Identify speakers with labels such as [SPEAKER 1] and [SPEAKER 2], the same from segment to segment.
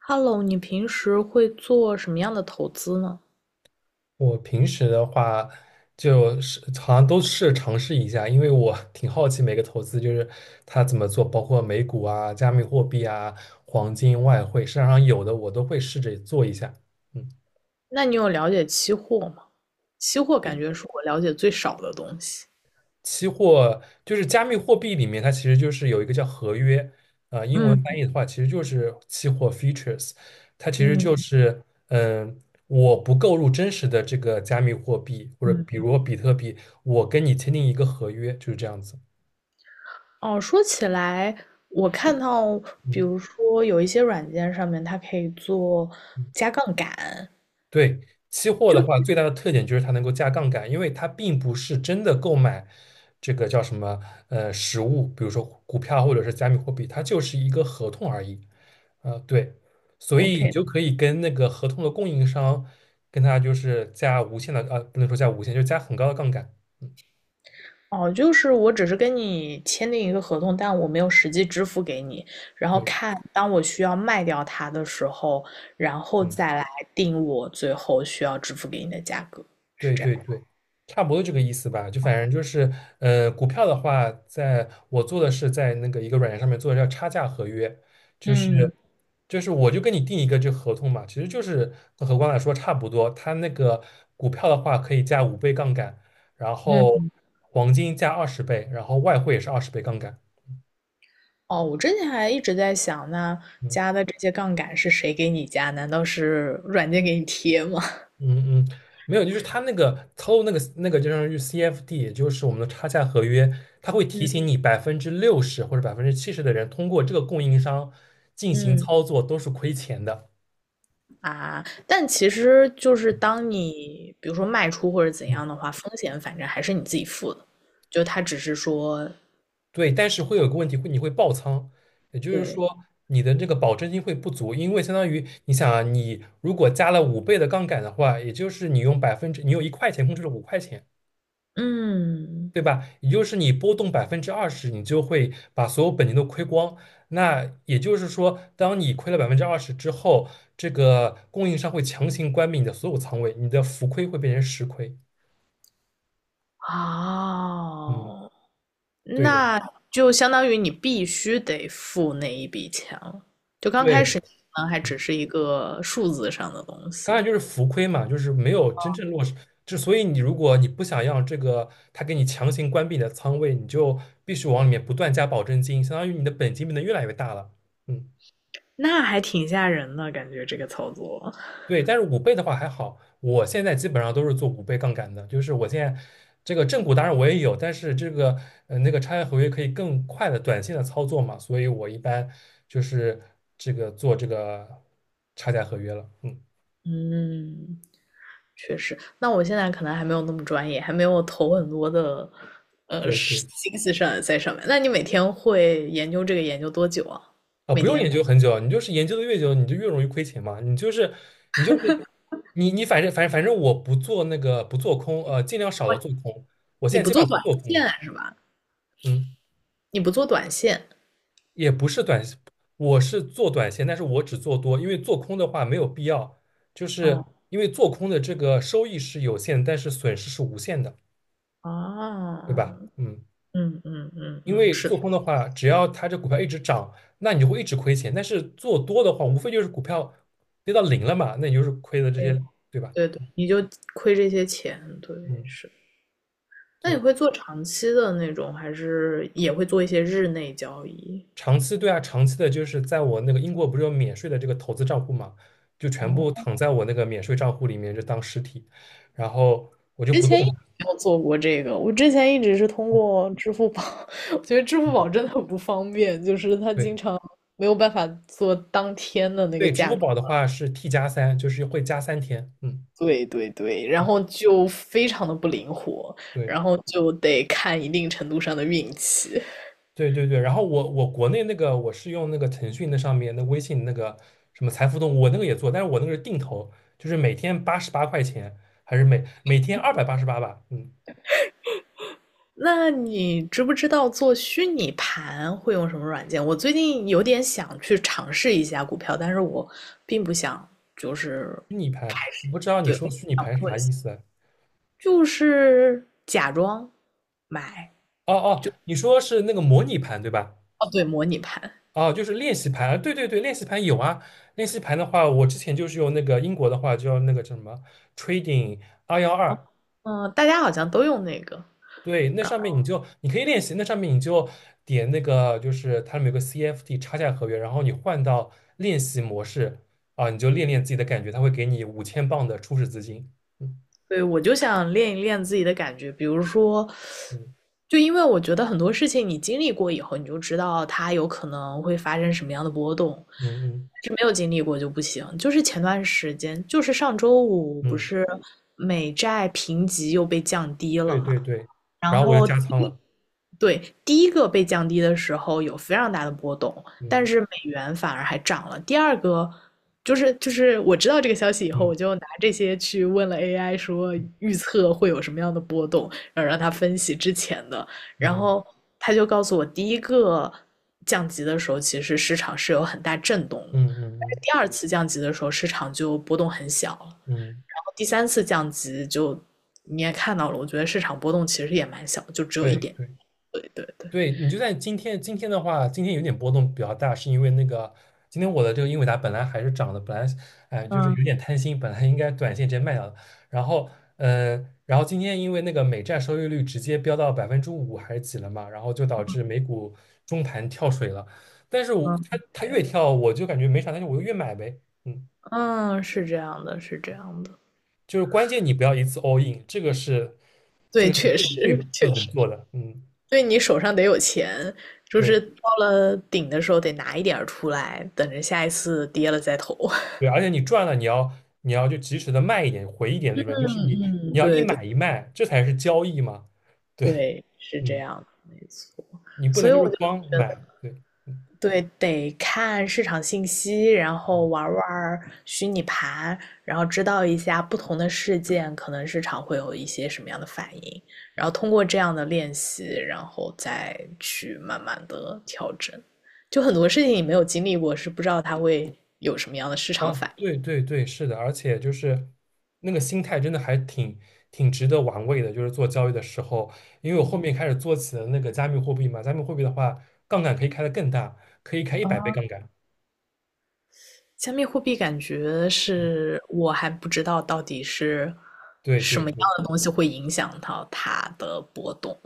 [SPEAKER 1] Hello，你平时会做什么样的投资呢？
[SPEAKER 2] 我平时的话，就是好像都是尝试一下，因为我 挺好奇每个投资就是它怎么做，包括美股啊、加密货币啊、黄金、外汇，市场上有的我都会试着做一下。嗯。
[SPEAKER 1] 那你有了解期货吗？期货感觉是我了解最少的东西。
[SPEAKER 2] 期货就是加密货币里面，它其实就是有一个叫合约，英文翻
[SPEAKER 1] 嗯
[SPEAKER 2] 译的话其实就是期货 f e a t u r e s 它其实就嗯
[SPEAKER 1] 嗯
[SPEAKER 2] 是嗯。我不购入真实的这个加密货币，或者比
[SPEAKER 1] 嗯。
[SPEAKER 2] 如比特币，我跟你签订一个合约，就是这样子。
[SPEAKER 1] 哦，说起来，我看到，比
[SPEAKER 2] 嗯。
[SPEAKER 1] 如说有一些软件上面它可以做加杠杆，
[SPEAKER 2] 对，期货
[SPEAKER 1] 就
[SPEAKER 2] 的
[SPEAKER 1] 是
[SPEAKER 2] 话，最大的特点就是它能够加杠杆，因为它并不是真的购买，这个叫什么实物，比如说股票或者是加密货币，它就是一个合同而已。啊、对，所以你
[SPEAKER 1] OK，
[SPEAKER 2] 就可以跟那个合同的供应商，跟他就是加无限的，不能说加无限，就加很高的杠杆。嗯。
[SPEAKER 1] 哦，就是我只是跟你签订一个合同，但我没有实际支付给你。然后
[SPEAKER 2] 对。
[SPEAKER 1] 看，当我需要卖掉它的时候，然后
[SPEAKER 2] 嗯。
[SPEAKER 1] 再来定我最后需要支付给你的价格，是
[SPEAKER 2] 对
[SPEAKER 1] 这样。
[SPEAKER 2] 对对，差不多这个意思吧。就反正就是，股票的话，在我做的是在那个一个软件上面做的叫差价合约，就
[SPEAKER 1] 嗯
[SPEAKER 2] 是就是我就跟你定一个这合同嘛，其实就是跟合光来说差不多。它那个股票的话可以加五倍杠杆，然后
[SPEAKER 1] 嗯。
[SPEAKER 2] 黄金加二十倍，然后外汇也是20倍杠杆。
[SPEAKER 1] 哦，我之前还一直在想，那加
[SPEAKER 2] 嗯
[SPEAKER 1] 的这些杠杆是谁给你加？难道是软件给你贴吗？
[SPEAKER 2] 嗯嗯。没有，就是他那个操作那个就相当于 CFD,也就是我们的差价合约，它会提
[SPEAKER 1] 嗯
[SPEAKER 2] 醒你60%或者70%的人通过这个供应商进行
[SPEAKER 1] 嗯
[SPEAKER 2] 操作都是亏钱的。
[SPEAKER 1] 啊，但其实就是当你比如说卖出或者怎
[SPEAKER 2] 嗯。
[SPEAKER 1] 样的话，风险反正还是你自己付的，就他只是说
[SPEAKER 2] 对，但是会有个问题，会你会爆仓，也就是
[SPEAKER 1] 对。
[SPEAKER 2] 说你的这个保证金会不足，因为相当于你想啊，你如果加了5倍的杠杆的话，也就是你用百分之你有1块钱控制了5块钱，
[SPEAKER 1] 嗯，
[SPEAKER 2] 对吧？也就是你波动百分之二十，你就会把所有本金都亏光。那也就是说，当你亏了百分之二十之后，这个供应商会强行关闭你的所有仓位，你的浮亏会变成实亏。嗯。
[SPEAKER 1] 哦，
[SPEAKER 2] 对的，
[SPEAKER 1] 那就相当于你必须得付那一笔钱了，
[SPEAKER 2] 对，
[SPEAKER 1] 可还只是一个数字上的东西，
[SPEAKER 2] 当然就是浮亏嘛，就是没有真正落实。之所以你如果你不想让这个他给你强行关闭你的仓位，你就必须往里面不断加保证金，相当于你的本金变得越来越大了。嗯。
[SPEAKER 1] 那还挺吓人的感觉这个操作。
[SPEAKER 2] 对，但是五倍的话还好，我现在基本上都是做五倍杠杆的，就是我现在这个正股当然我也有，但是这个那个差价合约可以更快的短线的操作嘛，所以我一般就是这个做这个差价合约了。嗯。
[SPEAKER 1] 嗯，确实。那我现在可能还没有那么专业，还没有投很多的
[SPEAKER 2] 对
[SPEAKER 1] 是
[SPEAKER 2] 对。
[SPEAKER 1] 心思上在上面。那你每天会研究这个研究多久啊？每
[SPEAKER 2] 不用研
[SPEAKER 1] 天
[SPEAKER 2] 究很久，你就是研究的越久，你就越容易亏钱嘛。你就是，你就是，你你反正反正反正我不做那个不做空，尽量少的做空。我现
[SPEAKER 1] 你
[SPEAKER 2] 在
[SPEAKER 1] 不
[SPEAKER 2] 基本
[SPEAKER 1] 做
[SPEAKER 2] 上不
[SPEAKER 1] 短
[SPEAKER 2] 做空了。
[SPEAKER 1] 线是吧？
[SPEAKER 2] 嗯。
[SPEAKER 1] 你不做短线。
[SPEAKER 2] 也不是短，我是做短线，但是我只做多，因为做空的话没有必要，就是
[SPEAKER 1] 哦
[SPEAKER 2] 因为做空的这个收益是有限，但是损失是无限的，对吧？
[SPEAKER 1] 啊，
[SPEAKER 2] 嗯。
[SPEAKER 1] 嗯嗯嗯
[SPEAKER 2] 因
[SPEAKER 1] 嗯，
[SPEAKER 2] 为
[SPEAKER 1] 是的，
[SPEAKER 2] 做空的话，只要它这股票一直涨，那你就会一直亏钱，但是做多的话，无非就是股票跌到零了嘛，那你就是亏的这
[SPEAKER 1] 哎，
[SPEAKER 2] 些，对吧？
[SPEAKER 1] 对对，你就亏这些钱，对，
[SPEAKER 2] 嗯，
[SPEAKER 1] 是。那你
[SPEAKER 2] 对。
[SPEAKER 1] 会做长期的那种，还是也会做一些日内交易？
[SPEAKER 2] 长期对啊，长期的就是在我那个英国不是有免税的这个投资账户嘛，就全部
[SPEAKER 1] 哦，
[SPEAKER 2] 躺在我那个免税账户里面，就当实体，然后我就
[SPEAKER 1] 之
[SPEAKER 2] 不动。
[SPEAKER 1] 前一直没有做过这个，我之前一直是通过支付宝，我觉得支付宝
[SPEAKER 2] 嗯。
[SPEAKER 1] 真的很不方便，就是它经
[SPEAKER 2] 对
[SPEAKER 1] 常没有办法做当天的那个
[SPEAKER 2] 对，支付
[SPEAKER 1] 价格。
[SPEAKER 2] 宝的话是 T+3，就是会加3天。嗯。
[SPEAKER 1] 对对对，然
[SPEAKER 2] 嗯，
[SPEAKER 1] 后就非常的不灵活，
[SPEAKER 2] 对
[SPEAKER 1] 然后就得看一定程度上的运气。
[SPEAKER 2] 对对对。然后我国内那个我是用那个腾讯那上面那微信那个什么财付通，我那个也做，但是我那个是定投，就是每天88块钱，还是每天288吧。嗯。
[SPEAKER 1] 那你知不知道做虚拟盘会用什么软件？我最近有点想去尝试一下股票，但是我并不想，就是
[SPEAKER 2] 虚拟盘，我不知道你
[SPEAKER 1] 对，
[SPEAKER 2] 说虚拟盘是
[SPEAKER 1] 我
[SPEAKER 2] 啥意思啊。
[SPEAKER 1] 就是假装买，
[SPEAKER 2] 哦哦，你说是那个模拟盘对吧？
[SPEAKER 1] 哦，对，模拟盘，
[SPEAKER 2] 哦，就是练习盘，对对对，练习盘有啊。练习盘的话，我之前就是用那个英国的话，就用那个叫什么 Trading 212，
[SPEAKER 1] 嗯，大家好像都用那个，
[SPEAKER 2] 对，那上面你就你可以练习，那上面你就点那个，就是它里面有个 c f t 差价合约，然后你换到练习模式，啊，你就练练自己的感觉，它会给你5,000磅的初始资金。嗯
[SPEAKER 1] 对，我就想练一练自己的感觉，比如说，
[SPEAKER 2] 嗯
[SPEAKER 1] 就因为我觉得很多事情你经历过以后，你就知道它有可能会发生什么样的波动，
[SPEAKER 2] 嗯嗯
[SPEAKER 1] 是没有经历过就不行。就是前段时间，就是上周五不
[SPEAKER 2] 嗯。
[SPEAKER 1] 是美债评级又被降低了
[SPEAKER 2] 对
[SPEAKER 1] 嘛，
[SPEAKER 2] 对对，
[SPEAKER 1] 然
[SPEAKER 2] 然后我就
[SPEAKER 1] 后
[SPEAKER 2] 加仓了。
[SPEAKER 1] 对，第一个被降低的时候有非常大的波动，但
[SPEAKER 2] 嗯
[SPEAKER 1] 是美元反而还涨了。第二个就是就是我知道这个消息以后，
[SPEAKER 2] 嗯
[SPEAKER 1] 我就拿这些去问了 AI，说预测会有什么样的波动，然后让他分析之前的，然
[SPEAKER 2] 嗯
[SPEAKER 1] 后他就告诉我，第一个降级的时候，其实市场是有很大震动的，但
[SPEAKER 2] 嗯嗯
[SPEAKER 1] 是
[SPEAKER 2] 嗯
[SPEAKER 1] 第二次降级的时候，市场就波动很小了，然
[SPEAKER 2] 嗯。
[SPEAKER 1] 后第三次降级就你也看到了，我觉得市场波动其实也蛮小，就只有一
[SPEAKER 2] 对。
[SPEAKER 1] 点。对对对，
[SPEAKER 2] 对，你就在今天，今天的话，今天有点波动比较大，是因为那个今天我的这个英伟达本来还是涨的，本来哎就是
[SPEAKER 1] 嗯
[SPEAKER 2] 有点贪心，本来应该短线直接卖掉的，然后然后今天因为那个美债收益率直接飙到5%还是几了嘛，然后就导致美股中盘跳水了，但是我
[SPEAKER 1] 嗯
[SPEAKER 2] 它越跳我就感觉没啥，但是我又越买呗。嗯。
[SPEAKER 1] 嗯，是这样的，是这样的。
[SPEAKER 2] 就是关键你不要一次 all in,
[SPEAKER 1] 对，
[SPEAKER 2] 这个是
[SPEAKER 1] 确
[SPEAKER 2] 最最
[SPEAKER 1] 实确
[SPEAKER 2] 不能
[SPEAKER 1] 实，
[SPEAKER 2] 做的。嗯，
[SPEAKER 1] 对你手上得有钱，就
[SPEAKER 2] 对。
[SPEAKER 1] 是到了顶的时候得拿一点儿出来，等着下一次跌了再投。
[SPEAKER 2] 对，而且你赚了，你要就及时的卖一点，回一点利
[SPEAKER 1] 嗯
[SPEAKER 2] 润，就是你你
[SPEAKER 1] 嗯，
[SPEAKER 2] 要一
[SPEAKER 1] 对对
[SPEAKER 2] 买一卖，这才是交易嘛。对。
[SPEAKER 1] 对，是这
[SPEAKER 2] 嗯，
[SPEAKER 1] 样的，没错。
[SPEAKER 2] 你不
[SPEAKER 1] 所
[SPEAKER 2] 能
[SPEAKER 1] 以
[SPEAKER 2] 就是
[SPEAKER 1] 我就
[SPEAKER 2] 光
[SPEAKER 1] 觉得。
[SPEAKER 2] 买，对。
[SPEAKER 1] 对，得看市场信息，然后
[SPEAKER 2] 嗯。
[SPEAKER 1] 玩儿玩儿虚拟盘，然后知道一下不同的事件，可能市场会有一些什么样的反应，然后通过这样的练习，然后再去慢慢的调整。就很多事情你没有经历过，是不知道它会有什么样的市场
[SPEAKER 2] 啊，
[SPEAKER 1] 反应。
[SPEAKER 2] 对对对，是的，而且就是那个心态真的还挺值得玩味的，就是做交易的时候，因为我后面开始做起了那个加密货币嘛，加密货币的话，杠杆可以开得更大，可以开一
[SPEAKER 1] 啊，
[SPEAKER 2] 百倍杠杆。
[SPEAKER 1] 加密货币感觉
[SPEAKER 2] 嗯，
[SPEAKER 1] 是我还不知道到底是
[SPEAKER 2] 对
[SPEAKER 1] 什
[SPEAKER 2] 对
[SPEAKER 1] 么样
[SPEAKER 2] 对。
[SPEAKER 1] 的东西会影响到它的波动。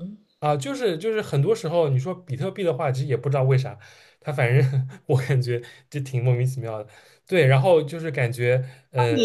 [SPEAKER 2] 啊，就是很多时候你说比特币的话，其实也不知道为啥，它反正 我感觉就挺莫名其妙的。对，然后就是感觉，呃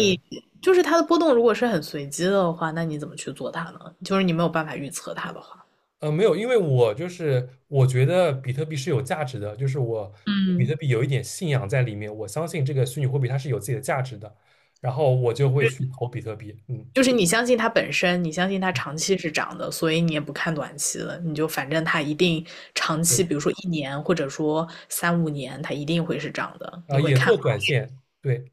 [SPEAKER 1] 就是它的波动如果是很随机的话，那你怎么去做它呢？就是你没有办法预测它的话，
[SPEAKER 2] 没有，因为我就是我觉得比特币是有价值的，就是我对比
[SPEAKER 1] 嗯，
[SPEAKER 2] 特币有一点信仰在里面，我相信这个虚拟货币它是有自己的价值的，然后我就会去投比特币。嗯，
[SPEAKER 1] 就是你相信它本身，你相信它长期是涨的，所以你也不看短期了，你就反正它一定长期，
[SPEAKER 2] 对，
[SPEAKER 1] 比如说一年或者说三五年，它一定会是涨的，
[SPEAKER 2] 啊，
[SPEAKER 1] 你会
[SPEAKER 2] 也
[SPEAKER 1] 看
[SPEAKER 2] 做
[SPEAKER 1] 好。
[SPEAKER 2] 短线，对，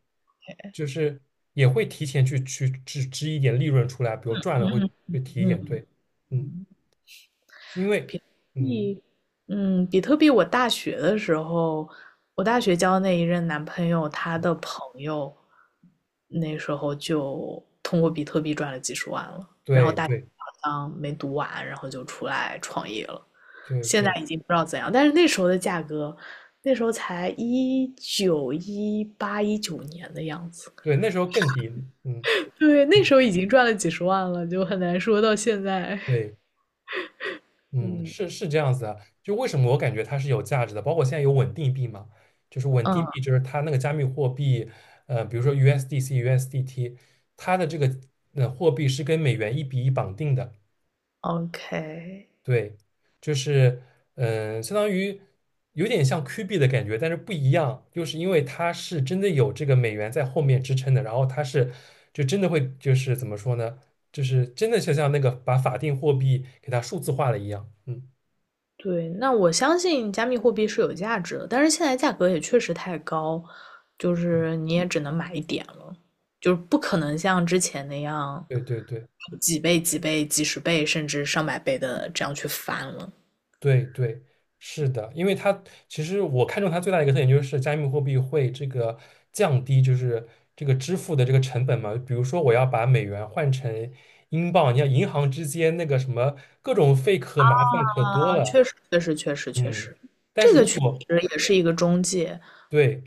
[SPEAKER 2] 就是也会提前去支支一点利润出来，比如赚了会提一点，
[SPEAKER 1] 嗯，
[SPEAKER 2] 对。嗯。因为，嗯，
[SPEAKER 1] 比比特币，我大学的时候，我大学交那一任男朋友，他的朋友那时候就通过比特币赚了几十万了。
[SPEAKER 2] 对对
[SPEAKER 1] 嗯，没读完，然后就出来创业了。
[SPEAKER 2] 对
[SPEAKER 1] 现在
[SPEAKER 2] 对
[SPEAKER 1] 已经不知道怎样，但是那时候的价格，那时候才一九一八一九年的样子，
[SPEAKER 2] 对，那时候更低。嗯，
[SPEAKER 1] 对，那时候已经赚了几十万了，就很难说到现在。
[SPEAKER 2] 对。嗯，
[SPEAKER 1] 嗯
[SPEAKER 2] 是是这样子的。就为什么我感觉它是有价值的，包括现在有稳定币嘛，就是稳
[SPEAKER 1] 嗯
[SPEAKER 2] 定币，就是它那个加密货币，比如说 USDC、USDT,它的这个货币是跟美元1:1绑定的。
[SPEAKER 1] ，OK。
[SPEAKER 2] 对，就是相当于有点像 Q 币的感觉，但是不一样，就是因为它是真的有这个美元在后面支撑的，然后它是就真的会就是怎么说呢，就是真的就像那个把法定货币给它数字化了一样。嗯，
[SPEAKER 1] 对，那我相信加密货币是有价值的，但是现在价格也确实太高，就是你也只能买一点了，就是不可能像之前那样
[SPEAKER 2] 对对对。
[SPEAKER 1] 几倍、几倍、几十倍甚至上百倍的这样去翻了。
[SPEAKER 2] 对对，是的，因为它其实我看中它最大的一个特点就是加密货币会这个降低就是这个支付的这个成本嘛。比如说我要把美元换成英镑，你看银行之间那个什么各种费可麻烦可多
[SPEAKER 1] 啊，
[SPEAKER 2] 了。
[SPEAKER 1] 确实，确实，确实，确
[SPEAKER 2] 嗯，
[SPEAKER 1] 实，
[SPEAKER 2] 但
[SPEAKER 1] 这
[SPEAKER 2] 是
[SPEAKER 1] 个
[SPEAKER 2] 如
[SPEAKER 1] 确
[SPEAKER 2] 果
[SPEAKER 1] 实也是一个中介。
[SPEAKER 2] 对，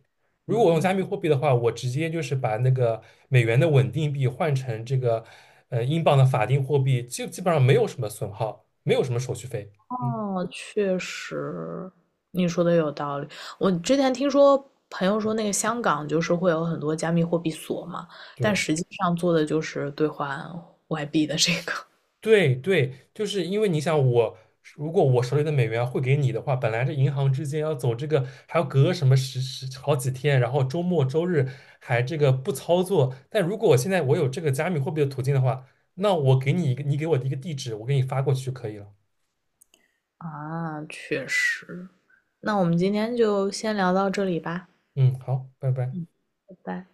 [SPEAKER 2] 如果我用
[SPEAKER 1] 嗯，
[SPEAKER 2] 加密货币的话，我直接就是把那个美元的稳定币换成这个英镑的法定货币，基本上没有什么损耗，没有什么手续费。嗯，
[SPEAKER 1] 哦，确实，你说的有道理。我之前听说朋友说，那个香港就是会有很多加密货币所嘛，但
[SPEAKER 2] 对。
[SPEAKER 1] 实际上做的就是兑换外币的这个。
[SPEAKER 2] 对对，就是因为你想我，如果我手里的美元会给你的话，本来这银行之间要走这个，还要隔什么十好几天，然后周末周日还这个不操作。但如果我现在我有这个加密货币的途径的话，那我给你一个，你给我的一个地址，我给你发过去就可以了。
[SPEAKER 1] 啊，确实。那我们今天就先聊到这里吧。
[SPEAKER 2] 嗯，好，拜拜。
[SPEAKER 1] 嗯，拜拜。